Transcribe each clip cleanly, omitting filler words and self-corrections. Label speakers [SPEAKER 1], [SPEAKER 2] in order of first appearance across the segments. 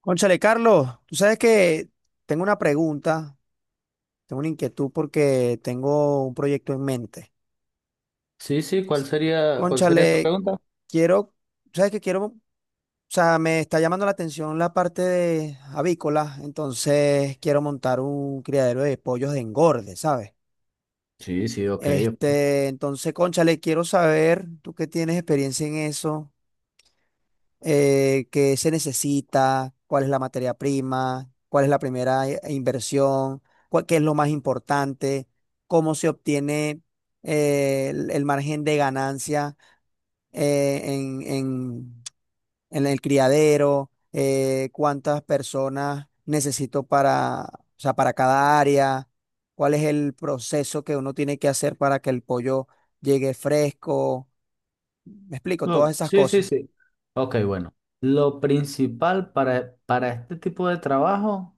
[SPEAKER 1] Cónchale, Carlos, tú sabes que tengo una pregunta, tengo una inquietud porque tengo un proyecto en mente.
[SPEAKER 2] Sí, sí, cuál sería esa
[SPEAKER 1] Cónchale,
[SPEAKER 2] pregunta?
[SPEAKER 1] quiero, sabes que quiero, o sea, me está llamando la atención la parte de avícola, entonces quiero montar un criadero de pollos de engorde, ¿sabes?
[SPEAKER 2] Sí, sí, ok.
[SPEAKER 1] Este, entonces, cónchale, quiero saber, tú que tienes experiencia en eso. Qué se necesita, cuál es la materia prima, cuál es la primera inversión, qué es lo más importante, cómo se obtiene el margen de ganancia, eh, en, en- en el criadero, cuántas personas necesito para, o sea, para cada área, cuál es el proceso que uno tiene que hacer para que el pollo llegue fresco. Me explico, todas
[SPEAKER 2] No,
[SPEAKER 1] esas
[SPEAKER 2] sí, sí,
[SPEAKER 1] cosas.
[SPEAKER 2] sí. Ok, bueno. Lo principal para este tipo de trabajo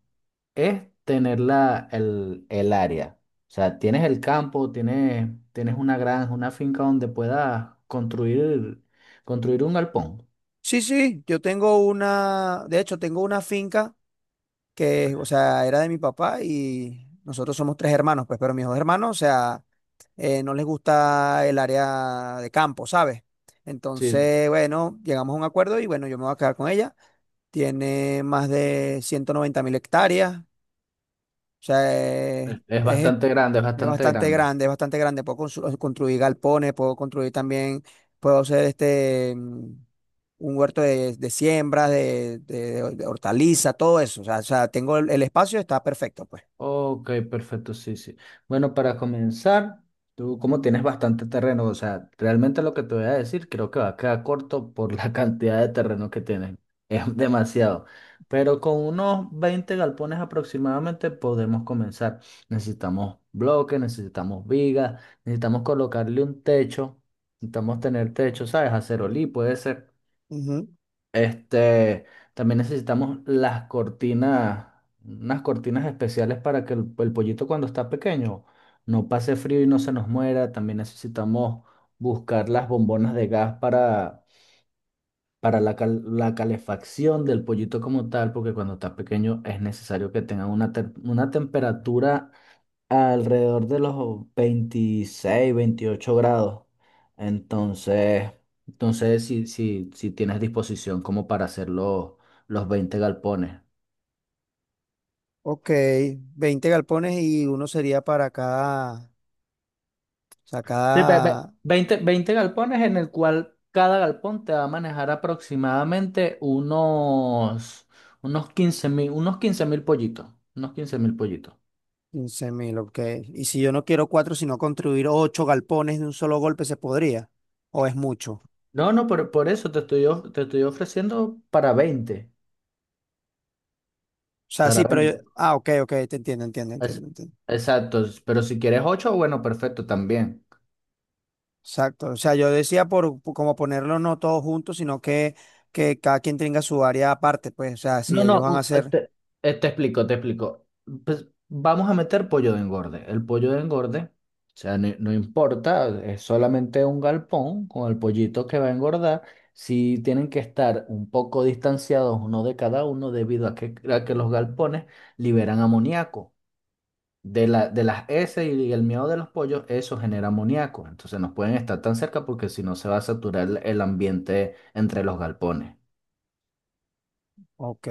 [SPEAKER 2] es tener el área. O sea, tienes el campo, tienes una granja, una finca donde puedas construir, construir un galpón.
[SPEAKER 1] Sí, sí, yo tengo una, de hecho, tengo una finca que, o sea, era de mi papá y nosotros somos tres hermanos, pues, pero mis dos hermanos, o sea, no les gusta el área de campo, ¿sabes?
[SPEAKER 2] Sí,
[SPEAKER 1] Entonces, bueno, llegamos a un acuerdo y bueno, yo me voy a quedar con ella. Tiene más de 190 mil hectáreas, o sea, es,
[SPEAKER 2] es
[SPEAKER 1] es
[SPEAKER 2] bastante grande, es bastante
[SPEAKER 1] bastante
[SPEAKER 2] grande.
[SPEAKER 1] grande, es bastante grande. Puedo construir galpones, puedo construir también, puedo hacer este un huerto de siembras, de hortalizas, todo eso. O sea, tengo el espacio, está perfecto, pues.
[SPEAKER 2] Ok, perfecto, sí, sí. Bueno, para comenzar, tú como tienes bastante terreno, o sea, realmente lo que te voy a decir creo que va a quedar corto por la cantidad de terreno que tienes. Es demasiado. Pero con unos 20 galpones aproximadamente podemos comenzar. Necesitamos bloques, necesitamos vigas, necesitamos colocarle un techo, necesitamos tener techo, ¿sabes? Acerolí puede ser.
[SPEAKER 1] Ujú.
[SPEAKER 2] Este, también necesitamos las cortinas, unas cortinas especiales para que el pollito cuando está pequeño no pase frío y no se nos muera. También necesitamos buscar las bombonas de gas para la, cal- la calefacción del pollito como tal, porque cuando está pequeño es necesario que tenga una, tem- una temperatura alrededor de los 26, 28 grados. Entonces, entonces si tienes disposición como para hacer los 20 galpones.
[SPEAKER 1] Ok, 20 galpones y uno sería para cada, o sea,
[SPEAKER 2] Sí, ve- ve-
[SPEAKER 1] cada
[SPEAKER 2] 20, 20 galpones en el cual cada galpón te va a manejar aproximadamente unos, unos 15.000, unos 15.000 pollitos. Unos 15 mil pollitos.
[SPEAKER 1] quince mil, ok. Y si yo no quiero cuatro, sino construir ocho galpones de un solo golpe, ¿se podría? ¿O es mucho? O
[SPEAKER 2] No, no, por eso te estoy, of- te estoy ofreciendo para 20.
[SPEAKER 1] sea,
[SPEAKER 2] Para
[SPEAKER 1] sí, pero
[SPEAKER 2] veinte.
[SPEAKER 1] ah, ok, ok, te entiendo, entiendo,
[SPEAKER 2] Es-
[SPEAKER 1] entiendo, entiendo.
[SPEAKER 2] exacto, pero si quieres ocho, bueno, perfecto también.
[SPEAKER 1] Exacto, o sea, yo decía por como ponerlo no todos juntos, sino que cada quien tenga su área aparte, pues, o sea, si
[SPEAKER 2] No,
[SPEAKER 1] ellos
[SPEAKER 2] no,
[SPEAKER 1] van a hacer,
[SPEAKER 2] te, te explico, te explico. Pues vamos a meter pollo de engorde. El pollo de engorde, o sea, no, no importa, es solamente un galpón con el pollito que va a engordar. Si tienen que estar un poco distanciados uno de cada uno debido a que los galpones liberan amoníaco. De la, de las heces y el miedo de los pollos, eso genera amoníaco. Entonces no pueden estar tan cerca porque si no se va a saturar el ambiente entre los galpones.
[SPEAKER 1] ok,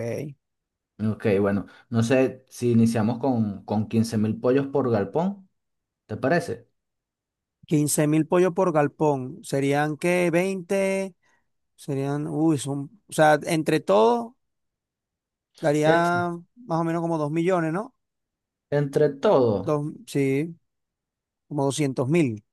[SPEAKER 2] Ok, bueno, no sé si iniciamos con 15.000 pollos por galpón, ¿te parece?
[SPEAKER 1] 15 mil pollos por galpón, serían que 20, serían, uy, son, o sea, entre todos
[SPEAKER 2] Ent-
[SPEAKER 1] daría más o menos como 2 millones, ¿no?
[SPEAKER 2] entre todo,
[SPEAKER 1] Dos, sí, como 200 mil,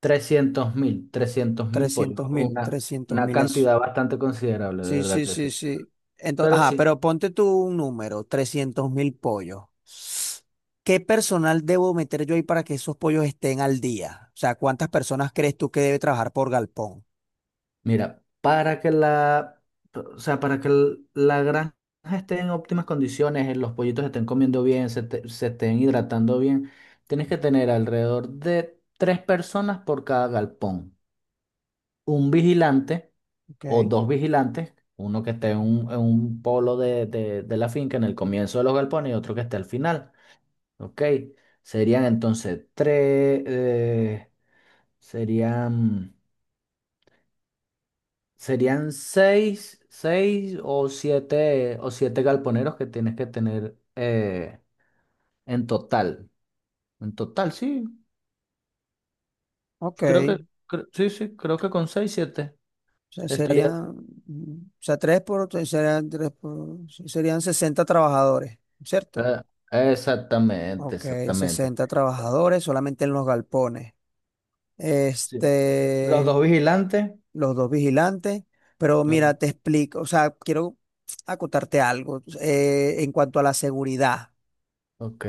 [SPEAKER 2] 300.000, 300.000 pollos,
[SPEAKER 1] 300 mil, 300
[SPEAKER 2] una
[SPEAKER 1] mil.
[SPEAKER 2] cantidad bastante considerable, de
[SPEAKER 1] Sí,
[SPEAKER 2] verdad
[SPEAKER 1] sí,
[SPEAKER 2] que
[SPEAKER 1] sí,
[SPEAKER 2] sí.
[SPEAKER 1] sí. Entonces,
[SPEAKER 2] Pero
[SPEAKER 1] ajá,
[SPEAKER 2] sí,
[SPEAKER 1] pero ponte tú un número, 300 mil pollos. ¿Qué personal debo meter yo ahí para que esos pollos estén al día? O sea, ¿cuántas personas crees tú que debe trabajar por galpón?
[SPEAKER 2] mira, para que o sea, para que el- la granja esté en óptimas condiciones, los pollitos estén comiendo bien, te- se estén hidratando bien, tienes que tener alrededor de tres personas por cada galpón. Un vigilante o
[SPEAKER 1] Ok,
[SPEAKER 2] dos vigilantes, uno que esté en un polo de la finca en el comienzo de los galpones y otro que esté al final. ¿Ok? Serían entonces tres, serían... Serían seis, seis o siete galponeros que tienes que tener en total. En total, sí.
[SPEAKER 1] ok.
[SPEAKER 2] Creo que, cre- sí, sí, creo que con seis, siete
[SPEAKER 1] O sea,
[SPEAKER 2] estaría.
[SPEAKER 1] serían, mm, o sea, tres por, serían, tres por, serían 60 trabajadores, ¿cierto?
[SPEAKER 2] eh, Exactamente,
[SPEAKER 1] Ok,
[SPEAKER 2] exactamente.
[SPEAKER 1] 60 trabajadores solamente en los galpones.
[SPEAKER 2] Sí. Los
[SPEAKER 1] Este,
[SPEAKER 2] dos vigilantes.
[SPEAKER 1] los dos vigilantes. Pero
[SPEAKER 2] o-
[SPEAKER 1] mira, te explico, o sea, quiero acotarte algo, en cuanto a la seguridad.
[SPEAKER 2] Ok.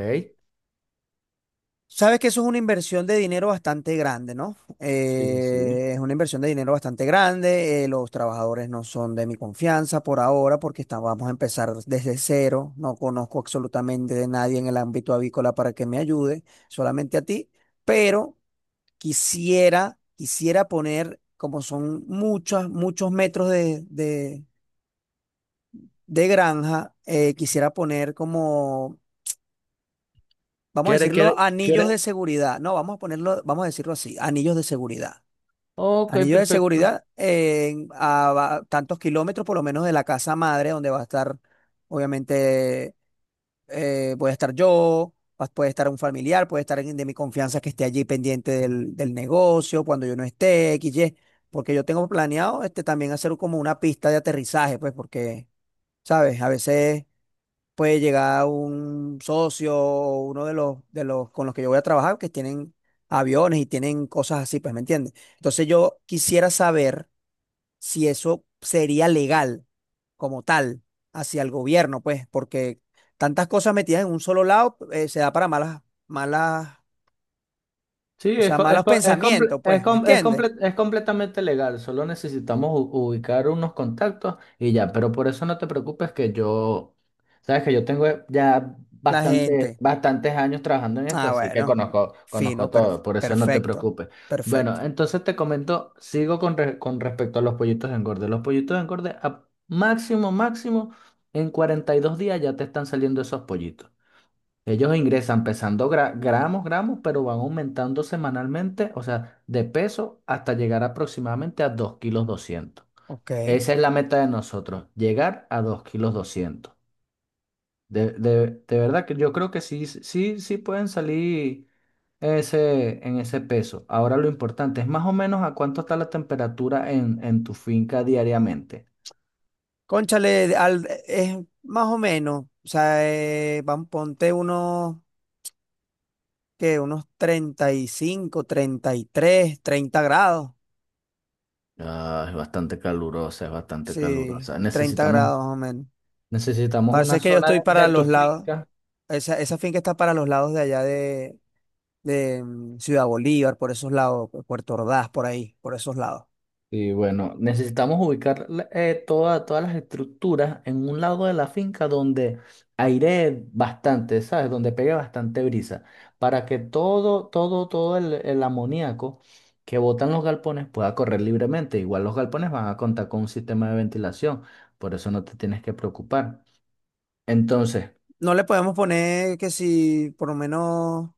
[SPEAKER 1] Sabes que eso es una inversión de dinero bastante grande, ¿no?
[SPEAKER 2] Sí, sí.
[SPEAKER 1] Es una inversión de dinero bastante grande. Los trabajadores no son de mi confianza por ahora porque vamos a empezar desde cero. No conozco absolutamente de nadie en el ámbito avícola para que me ayude, solamente a ti. Pero quisiera poner, como son muchos, muchos metros de granja, quisiera poner como, vamos a
[SPEAKER 2] ¿Quiere,
[SPEAKER 1] decirlo,
[SPEAKER 2] quiere,
[SPEAKER 1] anillos de
[SPEAKER 2] quiere?
[SPEAKER 1] seguridad. No, vamos a ponerlo, vamos a decirlo así, anillos de seguridad.
[SPEAKER 2] Ok,
[SPEAKER 1] Anillos de
[SPEAKER 2] perfecto.
[SPEAKER 1] seguridad a, tantos kilómetros por lo menos de la casa madre, donde va a estar, obviamente, puede estar yo, puede estar un familiar, puede estar alguien de mi confianza que esté allí pendiente del, del negocio cuando yo no esté, XY, porque yo tengo planeado este, también hacer como una pista de aterrizaje, pues porque, ¿sabes? A veces puede llegar un socio o uno de los con los que yo voy a trabajar que tienen aviones y tienen cosas así, pues, ¿me entiendes? Entonces yo quisiera saber si eso sería legal como tal hacia el gobierno, pues, porque tantas cosas metidas en un solo lado, se da para malas, malas,
[SPEAKER 2] Sí,
[SPEAKER 1] o
[SPEAKER 2] es,
[SPEAKER 1] sea,
[SPEAKER 2] co- es,
[SPEAKER 1] malos
[SPEAKER 2] co- es, comple-
[SPEAKER 1] pensamientos,
[SPEAKER 2] es,
[SPEAKER 1] pues, ¿me
[SPEAKER 2] com- es
[SPEAKER 1] entiendes?
[SPEAKER 2] comple- es completamente legal, solo necesitamos u- ubicar unos contactos y ya, pero por eso no te preocupes que yo, sabes que yo tengo ya
[SPEAKER 1] La
[SPEAKER 2] bastante,
[SPEAKER 1] gente.
[SPEAKER 2] bastantes años trabajando en esto,
[SPEAKER 1] Ah,
[SPEAKER 2] así que
[SPEAKER 1] bueno,
[SPEAKER 2] conozco,
[SPEAKER 1] fino,
[SPEAKER 2] conozco todo, por eso no te
[SPEAKER 1] perfecto,
[SPEAKER 2] preocupes. Bueno,
[SPEAKER 1] perfecto.
[SPEAKER 2] entonces te comento, sigo con, re- con respecto a los pollitos engorde. Los pollitos engorde, a máximo, máximo, en 42 días ya te están saliendo esos pollitos. Ellos ingresan pesando gra- gramos, gramos, pero van aumentando semanalmente, o sea, de peso hasta llegar aproximadamente a 2 kilos 200.
[SPEAKER 1] Ok.
[SPEAKER 2] Esa es la meta de nosotros, llegar a 2 kilos 200. De verdad que yo creo que sí, sí, sí pueden salir ese, en ese peso. Ahora lo importante es más o menos a cuánto está la temperatura en tu finca diariamente.
[SPEAKER 1] Cónchale, es más o menos, o sea, van, ponte unos, que unos treinta, treinta y cinco, treinta y tres, treinta grados.
[SPEAKER 2] Ah, es bastante calurosa, es bastante
[SPEAKER 1] Sí,
[SPEAKER 2] calurosa.
[SPEAKER 1] 30
[SPEAKER 2] Necesitamos,
[SPEAKER 1] grados más o menos.
[SPEAKER 2] necesitamos una
[SPEAKER 1] Parece que yo
[SPEAKER 2] zona
[SPEAKER 1] estoy
[SPEAKER 2] de
[SPEAKER 1] para
[SPEAKER 2] tu
[SPEAKER 1] los lados,
[SPEAKER 2] finca.
[SPEAKER 1] esa finca está para los lados de allá de Ciudad Bolívar, por esos lados, Puerto Ordaz, por ahí, por esos lados.
[SPEAKER 2] Y bueno, necesitamos ubicar la- toda- todas las estructuras en un lado de la finca donde airee bastante, ¿sabes? Donde pegue bastante brisa, para que todo, todo, todo el amoníaco que botan los galpones pueda correr libremente. Igual los galpones van a contar con un sistema de ventilación, por eso no te tienes que preocupar. Entonces,
[SPEAKER 1] No le podemos poner que si por lo menos,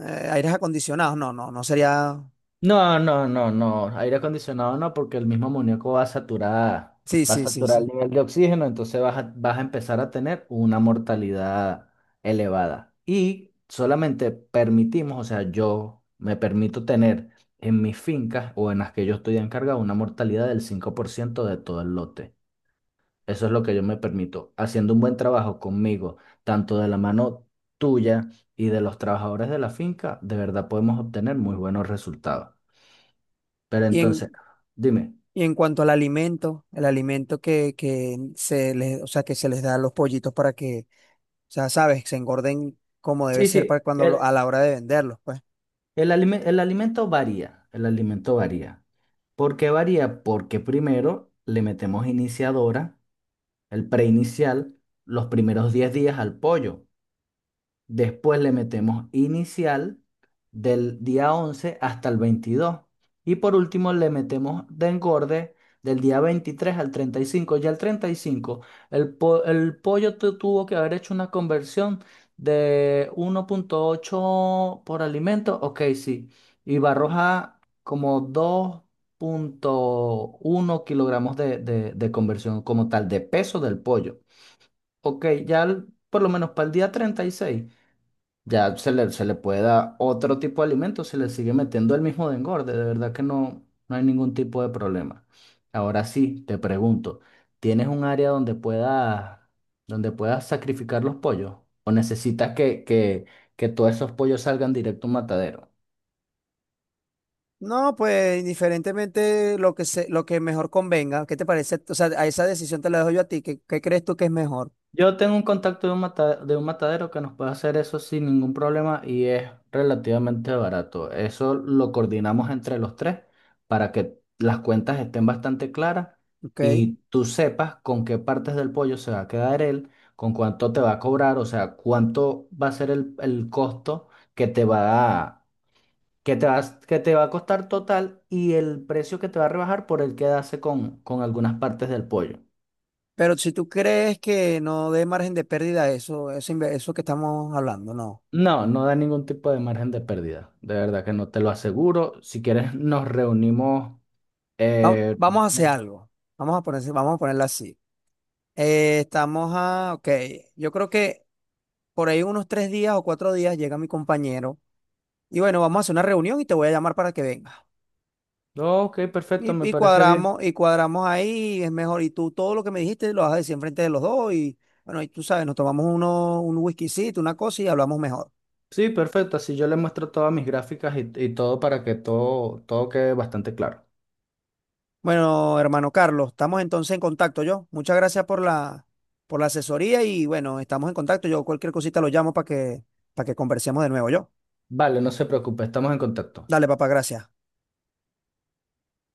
[SPEAKER 1] aires acondicionados, no, no, no sería...
[SPEAKER 2] no, no, no, no. Aire acondicionado no, porque el mismo amoníaco
[SPEAKER 1] Sí,
[SPEAKER 2] va a
[SPEAKER 1] sí, sí,
[SPEAKER 2] saturar el
[SPEAKER 1] sí.
[SPEAKER 2] nivel de oxígeno, entonces vas a, vas a empezar a tener una mortalidad elevada. Y solamente permitimos, o sea, yo me permito tener en mis fincas o en las que yo estoy encargado una mortalidad del 5% de todo el lote. Eso es lo que yo me permito, haciendo un buen trabajo conmigo, tanto de la mano tuya y de los trabajadores de la finca, de verdad podemos obtener muy buenos resultados. Pero
[SPEAKER 1] Y
[SPEAKER 2] entonces,
[SPEAKER 1] en,
[SPEAKER 2] dime.
[SPEAKER 1] y en cuanto al alimento, el alimento que se les, o sea, que se les da a los pollitos para que, o sea, sabes, se engorden como debe
[SPEAKER 2] Sí,
[SPEAKER 1] ser
[SPEAKER 2] sí,
[SPEAKER 1] para cuando a la hora de venderlos, pues.
[SPEAKER 2] alime- el alimento varía, el alimento varía. ¿Por qué varía? Porque primero le metemos iniciadora, el preinicial, los primeros 10 días al pollo. Después le metemos inicial del día 11 hasta el 22. Y por último le metemos de engorde del día 23 al 35. Ya el 35, el, po- el pollo tu- tuvo que haber hecho una conversión de uno punto ocho por alimento. Ok, sí. Y va a arrojar como dos punto uno kilogramos de conversión como tal de peso del pollo. Ok, ya el- por lo menos para el día 36 ya se le puede dar otro tipo de alimento, se le sigue metiendo el mismo de engorde, de verdad que no, no hay ningún tipo de problema. Ahora sí, te pregunto, ¿tienes un área donde puedas sacrificar los pollos? ¿O necesitas que todos esos pollos salgan directo a un matadero?
[SPEAKER 1] No, pues indiferentemente lo que se, lo que mejor convenga, ¿qué te parece? O sea, a esa decisión te la dejo yo a ti, ¿qué, qué crees tú que es mejor?
[SPEAKER 2] Yo tengo un contacto de un mata- de un matadero que nos puede hacer eso sin ningún problema y es relativamente barato. Eso lo coordinamos entre los tres para que las cuentas estén bastante claras
[SPEAKER 1] ¿Ok?
[SPEAKER 2] y tú sepas con qué partes del pollo se va a quedar él, con cuánto te va a cobrar, o sea, cuánto va a ser el costo que te va a, que te va, a- que te va a costar total y el precio que te va a rebajar por el quedarse con algunas partes del pollo.
[SPEAKER 1] Pero si tú crees que no dé margen de pérdida a eso, eso, eso que estamos hablando, no.
[SPEAKER 2] No, no da ningún tipo de margen de pérdida. De verdad que no te lo aseguro. Si quieres, nos reunimos. eh,
[SPEAKER 1] Vamos a hacer algo. Vamos a ponerse, vamos a ponerla así. Estamos a, ok, yo creo que por ahí unos tres días o cuatro días llega mi compañero y bueno, vamos a hacer una reunión y te voy a llamar para que vengas.
[SPEAKER 2] no, ok, perfecto, me
[SPEAKER 1] Y
[SPEAKER 2] parece bien.
[SPEAKER 1] cuadramos, y cuadramos ahí, es mejor. Y tú todo lo que me dijiste lo vas a decir enfrente de los dos. Y bueno, y tú sabes, nos tomamos uno, un whiskycito, una cosa y hablamos mejor.
[SPEAKER 2] Sí, perfecto. Así yo le muestro todas mis gráficas y todo para que todo, todo quede bastante claro.
[SPEAKER 1] Bueno, hermano Carlos, estamos entonces en contacto yo. Muchas gracias por la asesoría y bueno, estamos en contacto. Yo cualquier cosita lo llamo para que conversemos de nuevo yo.
[SPEAKER 2] Vale, no se preocupe, estamos en contacto.
[SPEAKER 1] Dale, papá, gracias.